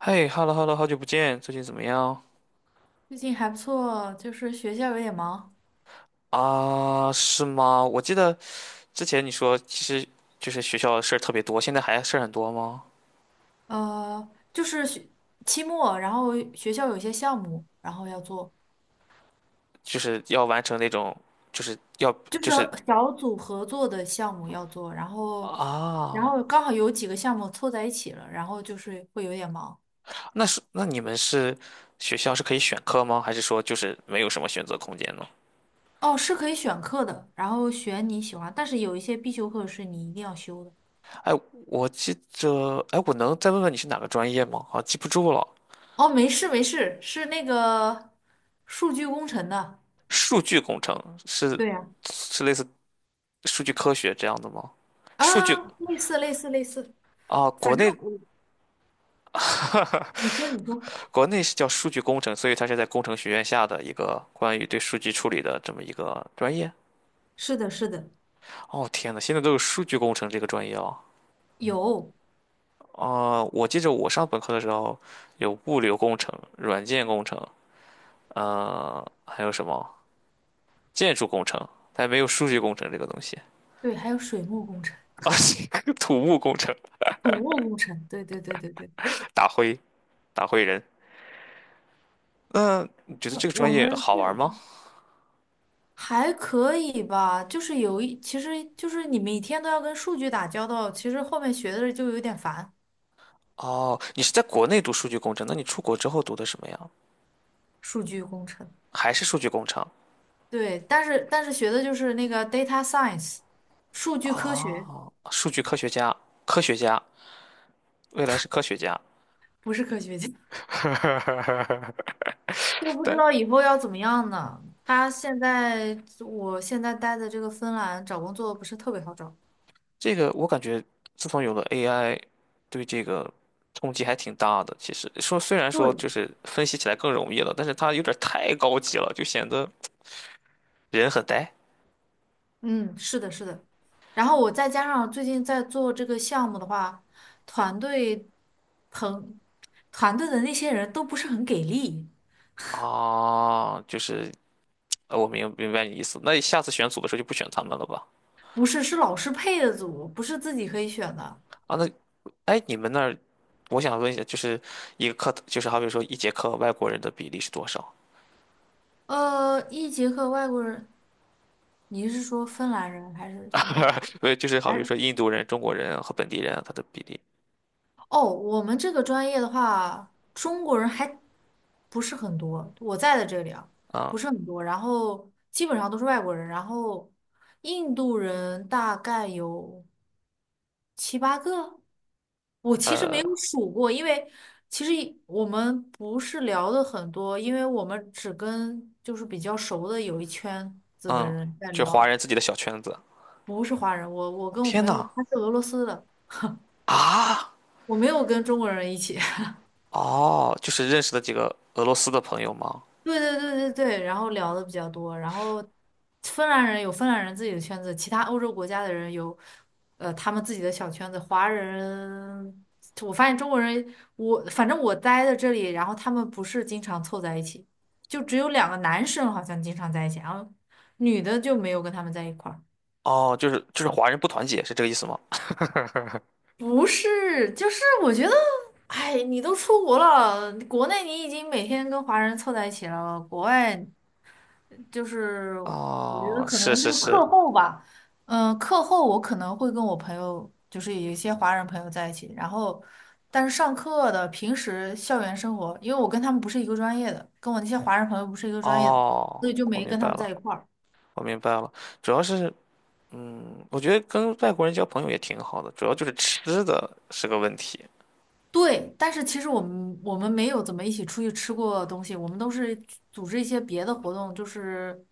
嘿，hello hello，好久不见，最近怎么样？最近还不错，就是学校有点忙，啊，是吗？我记得之前你说，其实就是学校的事儿特别多，现在还事儿很多吗？就是学期末，然后学校有一些项目，然后要做，就是要完成那种，就是要就是就是小组合作的项目要做，然后，然啊，后刚好有几个项目凑在一起了，然后就是会有点忙。那你们学校是可以选课吗？还是说就是没有什么选择空间呢？哦，是可以选课的，然后选你喜欢，但是有一些必修课是你一定要修的。哎，我记着，哎，我能再问问你是哪个专业吗？啊，记不住了。哦，没事没事，是那个数据工程的。数据工程对呀。是类似数据科学这样的吗？数据啊，类似类似类似，啊，反国正内 我，你说你说，国内是叫数据工程，所以它是在工程学院下的一个关于对数据处理的这么一个专业。是的，是的，哦，天呐，现在都有数据工程这个专业哦。有，啊、我记着我上本科的时候有物流工程、软件工程，还有什么建筑工程，但没有数据工程这个东西。对，还有水木工程、啊，土木工程，土木工程，对对对对对，打灰打灰人。那你觉得这个我专业们好玩这吗？还可以吧，就是其实就是你每天都要跟数据打交道，其实后面学的就有点烦，哦，你是在国内读数据工程，那你出国之后读的什么呀？数据工程，还是数据工程？对，但是学的就是那个 data science，数据科学，数据科学家、科学家，未来是科学家。不是科学家，都不知但道以后要怎么样呢。他现在，我现在待的这个芬兰找工作不是特别好找。这个我感觉，自从有了 AI，对这个冲击还挺大的。其实说虽然说对，就是分析起来更容易了，但是它有点太高级了，就显得人很呆。嗯，是的，是的。然后我再加上最近在做这个项目的话，团队朋团队的那些人都不是很给力，啊。我明白你意思。那下次选组的时候就不选他们了吧？不是是老师配的组，不是自己可以选的。啊，那哎，你们那儿，我想问一下，就是一个课，就是好比说一节课外国人的比例是多少？一节课外国人，你是说芬兰人还是怎么样？不是，就是好还比是说印度人、中国人和本地人啊他的比例哦，我们这个专业的话，中国人还不是很多，我在的这里啊，不啊。是很多，然后基本上都是外国人，然后印度人大概有。七八个。我其实没有数过，因为其实我们不是聊的很多，因为我们只跟就是比较熟的有一圈子的嗯，人在就华聊，人自己的小圈子。不是华人。我我跟我天朋友呐！他是俄罗斯的，啊，我没有跟中国人一起。哦，就是认识的几个俄罗斯的朋友吗？对对对对对，然后聊的比较多，然后芬兰人有芬兰人自己的圈子，其他欧洲国家的人有，他们自己的小圈子。华人，我发现中国人，反正我待在这里，然后他们不是经常凑在一起，就只有两个男生好像经常在一起，然后女的就没有跟他们在一块儿。哦，就是华人不团结，是这个意思吗？不是，就是我觉得，哎，你都出国了，国内你已经每天跟华人凑在一起了，国外。就是我觉得哦，可是能就是是是，课后吧，嗯，课后我可能会跟我朋友，就是有一些华人朋友在一起，然后但是上课的平时校园生活，因为我跟他们不是一个专业的，跟我那些华人朋友不是一个专业的，哦，所以就我没明跟白他们了，在一块儿。我明白了。主要是，嗯，我觉得跟外国人交朋友也挺好的，主要就是吃的是个问题。对，但是其实我们没有怎么一起出去吃过东西，我们都是组织一些别的活动，就是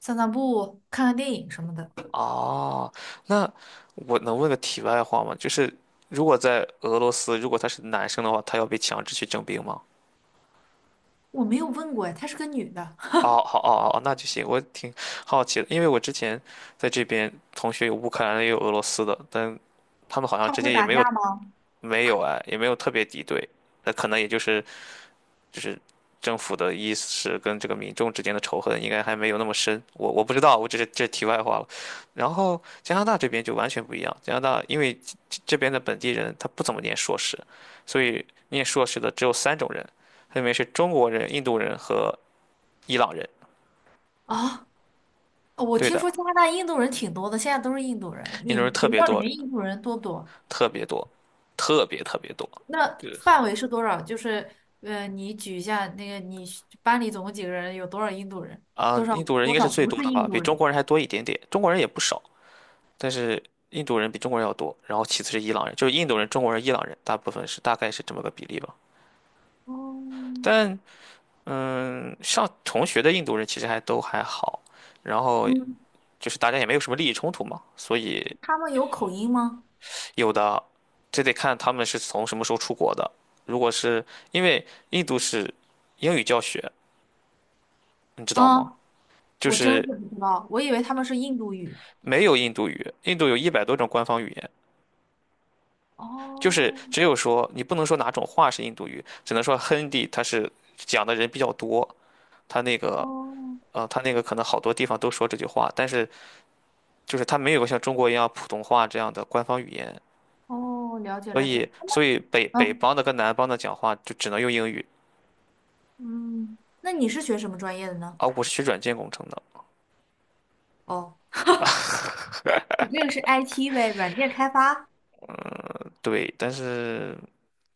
散散步、看看电影什么的。哦，那我能问个题外话吗？就是如果在俄罗斯，如果他是男生的话，他要被强制去征兵吗？我没有问过哎，她是个女的，哦，好，哦，哦，哦那就行。我挺好奇的，因为我之前在这边同学有乌克兰的，也有俄罗斯的，但他们好 像他们之会间也打没有架吗？没有哎，也没有特别敌对。那可能也就是就是政府的意识跟这个民众之间的仇恨应该还没有那么深。我不知道，我只是这是题外话了。然后加拿大这边就完全不一样，加拿大因为这边的本地人他不怎么念硕士，所以念硕士的只有三种人，分别是中国人、印度人和伊朗人。啊、我对听的。说加拿大印度人挺多的，现在都是印度人。印你度人们特学别校里多，面印度人多不多？特别多，特别特别多。那对范围是多少？就是，你举一下那个你是班里总共几个人，有多少印度人？啊，多少印度人应多该是少最不多是的印吧，比度中人？国人还多一点点。中国人也不少，但是印度人比中国人要多。然后其次是伊朗人，就是印度人、中国人、伊朗人，大概是这么个比例吧。哦，但嗯，上同学的印度人其实还好，然后嗯，就是大家也没有什么利益冲突嘛，所以他们有口音吗？有的这得看他们是从什么时候出国的。如果是因为印度是英语教学，你知道吗？啊，就我真是是不知道，我以为他们是印度语。没有印度语，印度有一百多种官方语言，就是哦只有说你不能说哪种话是印度语，只能说 Hindi 它是讲的人比较多，它那个哦它那个可能好多地方都说这句话，但是就是它没有像中国一样普通话这样的官方语言，哦，了解了解。所以北嗯方的跟南方的讲话就只能用英语。嗯，那你是学什么专业的呢？啊，我是学软件工程的，哦，你这个是 IT 呗，软件开发。对，但是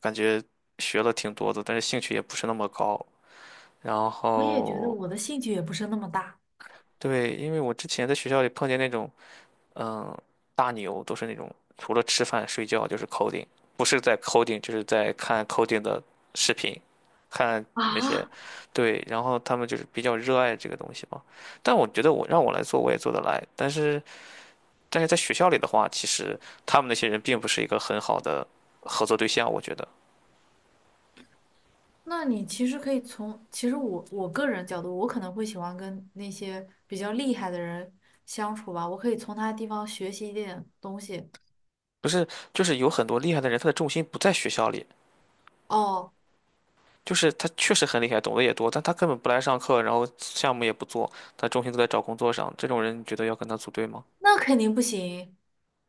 感觉学了挺多的，但是兴趣也不是那么高，然我也觉得后我的兴趣也不是那么大。对，因为我之前在学校里碰见那种。嗯，大牛都是那种除了吃饭睡觉就是 coding，不是在 coding 就是在看 coding 的视频，看那些，啊，对，然后他们就是比较热爱这个东西嘛。但我觉得我来做我也做得来，但是在学校里的话，其实他们那些人并不是一个很好的合作对象，我觉得那你其实可以其实我个人角度，我可能会喜欢跟那些比较厉害的人相处吧，我可以从他的地方学习一点东西。不是，就是有很多厉害的人，他的重心不在学校里。哦，就是他确实很厉害，懂得也多，但他根本不来上课，然后项目也不做，他重心都在找工作上。这种人，你觉得要跟他组队吗？那肯定不行。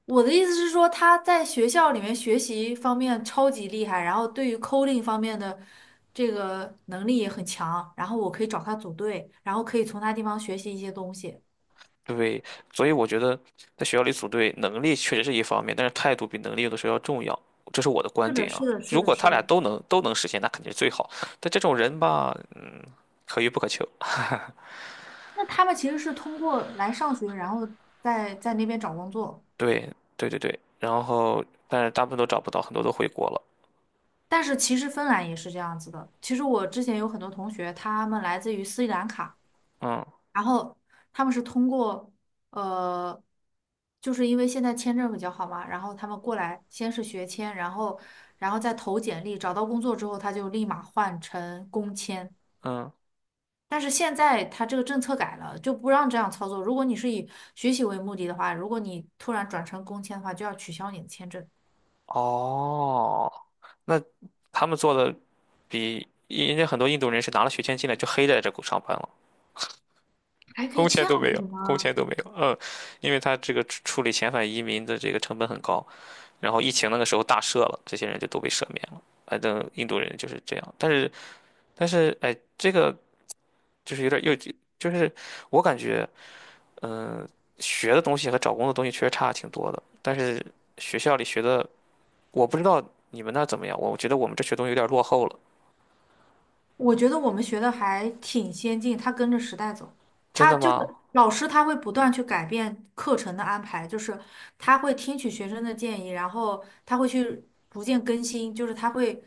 我的意思是说，他在学校里面学习方面超级厉害，然后对于 coding 方面的这个能力也很强，然后我可以找他组队，然后可以从他地方学习一些东西。对，所以我觉得在学校里组队，能力确实是一方面，但是态度比能力有的时候要重要，这是我的观是的，点是啊。的，如是的，果他是俩的。都能实现，那肯定是最好。但这种人吧，可遇不可求。那他们其实是通过来上学，然后在那边找工作。对，对对对。然后，但是大部分都找不到，很多都回国了。但是其实芬兰也是这样子的。其实我之前有很多同学，他们来自于斯里兰卡，嗯然后他们是通过呃，就是因为现在签证比较好嘛，然后他们过来先是学签，然后再投简历，找到工作之后他就立马换成工签。嗯，但是现在他这个政策改了，就不让这样操作。如果你是以学习为目的的话，如果你突然转成工签的话，就要取消你的签证。哦，那他们做的比人家很多印度人是拿了学签进来就黑在这上班了，还可以工签这都样没子有，的工吗？签都没有。嗯，因为他这个处理遣返移民的这个成本很高。然后疫情那个时候大赦了，这些人就都被赦免了。反正印度人就是这样，但是哎，这个就是有点又就是我感觉，嗯、学的东西和找工作的东西确实差挺多的。但是学校里学的，我不知道你们那儿怎么样，我觉得我们这学东西有点落后了。我觉得我们学的还挺先进，它跟着时代走。真它的就吗？是老师，他会不断去改变课程的安排，就是他会听取学生的建议，然后他会去逐渐更新，就是他会，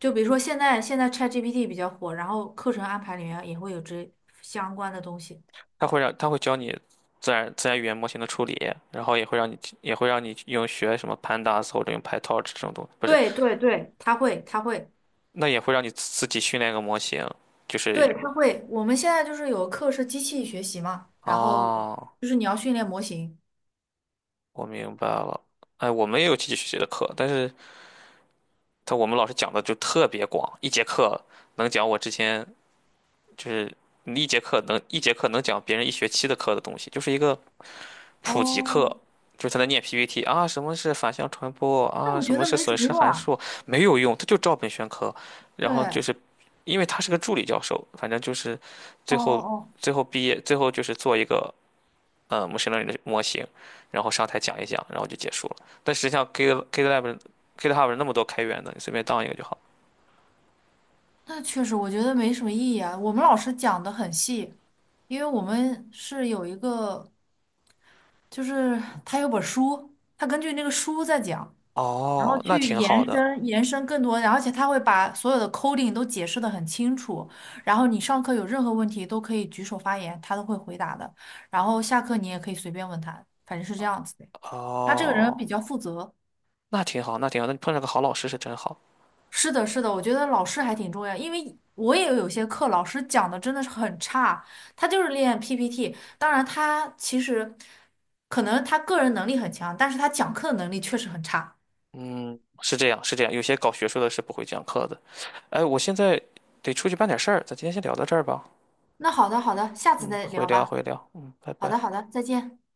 就比如说现在 ChatGPT 比较火，然后课程安排里面也会有这相关的东西。他会教你自然语言模型的处理，然后也会让你用学什么 Pandas 或者用 PyTorch 这种东西，不是，对对对，他会他会，那也会让你自己训练一个模型，就是对他会。我们现在就是有课是机器学习嘛，然后哦，就是你要训练模型。我明白了。哎，我们也有经济学习的课，但是我们老师讲的就特别广，能讲我之前就是一节课一节课能讲别人一学期的课的东西，就是一个普及课，哦，就是他在念 PPT 啊，什么是反向传播那啊，我什觉么得是没损什么失用函啊。数，没有用，他就照本宣科。对，然后就哦是因为他是个助理教授，反正就是哦最后哦，最后毕业就是做一个模 ACH 的模型，然后上台讲一讲，然后就结束了。但实际上 GitLab GitHub 那么多开源的，你随便当一个就好。那确实我觉得没什么意义啊。我们老师讲的很细，因为我们是有一个，就是他有本书，他根据那个书在讲，然后哦，那去挺好延的。伸延伸更多，然后而且他会把所有的 coding 都解释的很清楚，然后你上课有任何问题都可以举手发言，他都会回答的，然后下课你也可以随便问他，反正是这样子的。他这个人哦，比较负责。那挺好，那挺好。那你碰上个好老师是真好。是的，是的，我觉得老师还挺重要，因为我也有些课老师讲的真的是很差，他就是练 PPT，当然他其实可能他个人能力很强，但是他讲课的能力确实很差。嗯，是这样，是这样。有些搞学术的是不会讲课的。哎，我现在得出去办点事儿，咱今天先聊到这儿吧。那好的，好的，下次嗯，再回聊聊吧。回聊。嗯，拜好的，拜。好的，再见。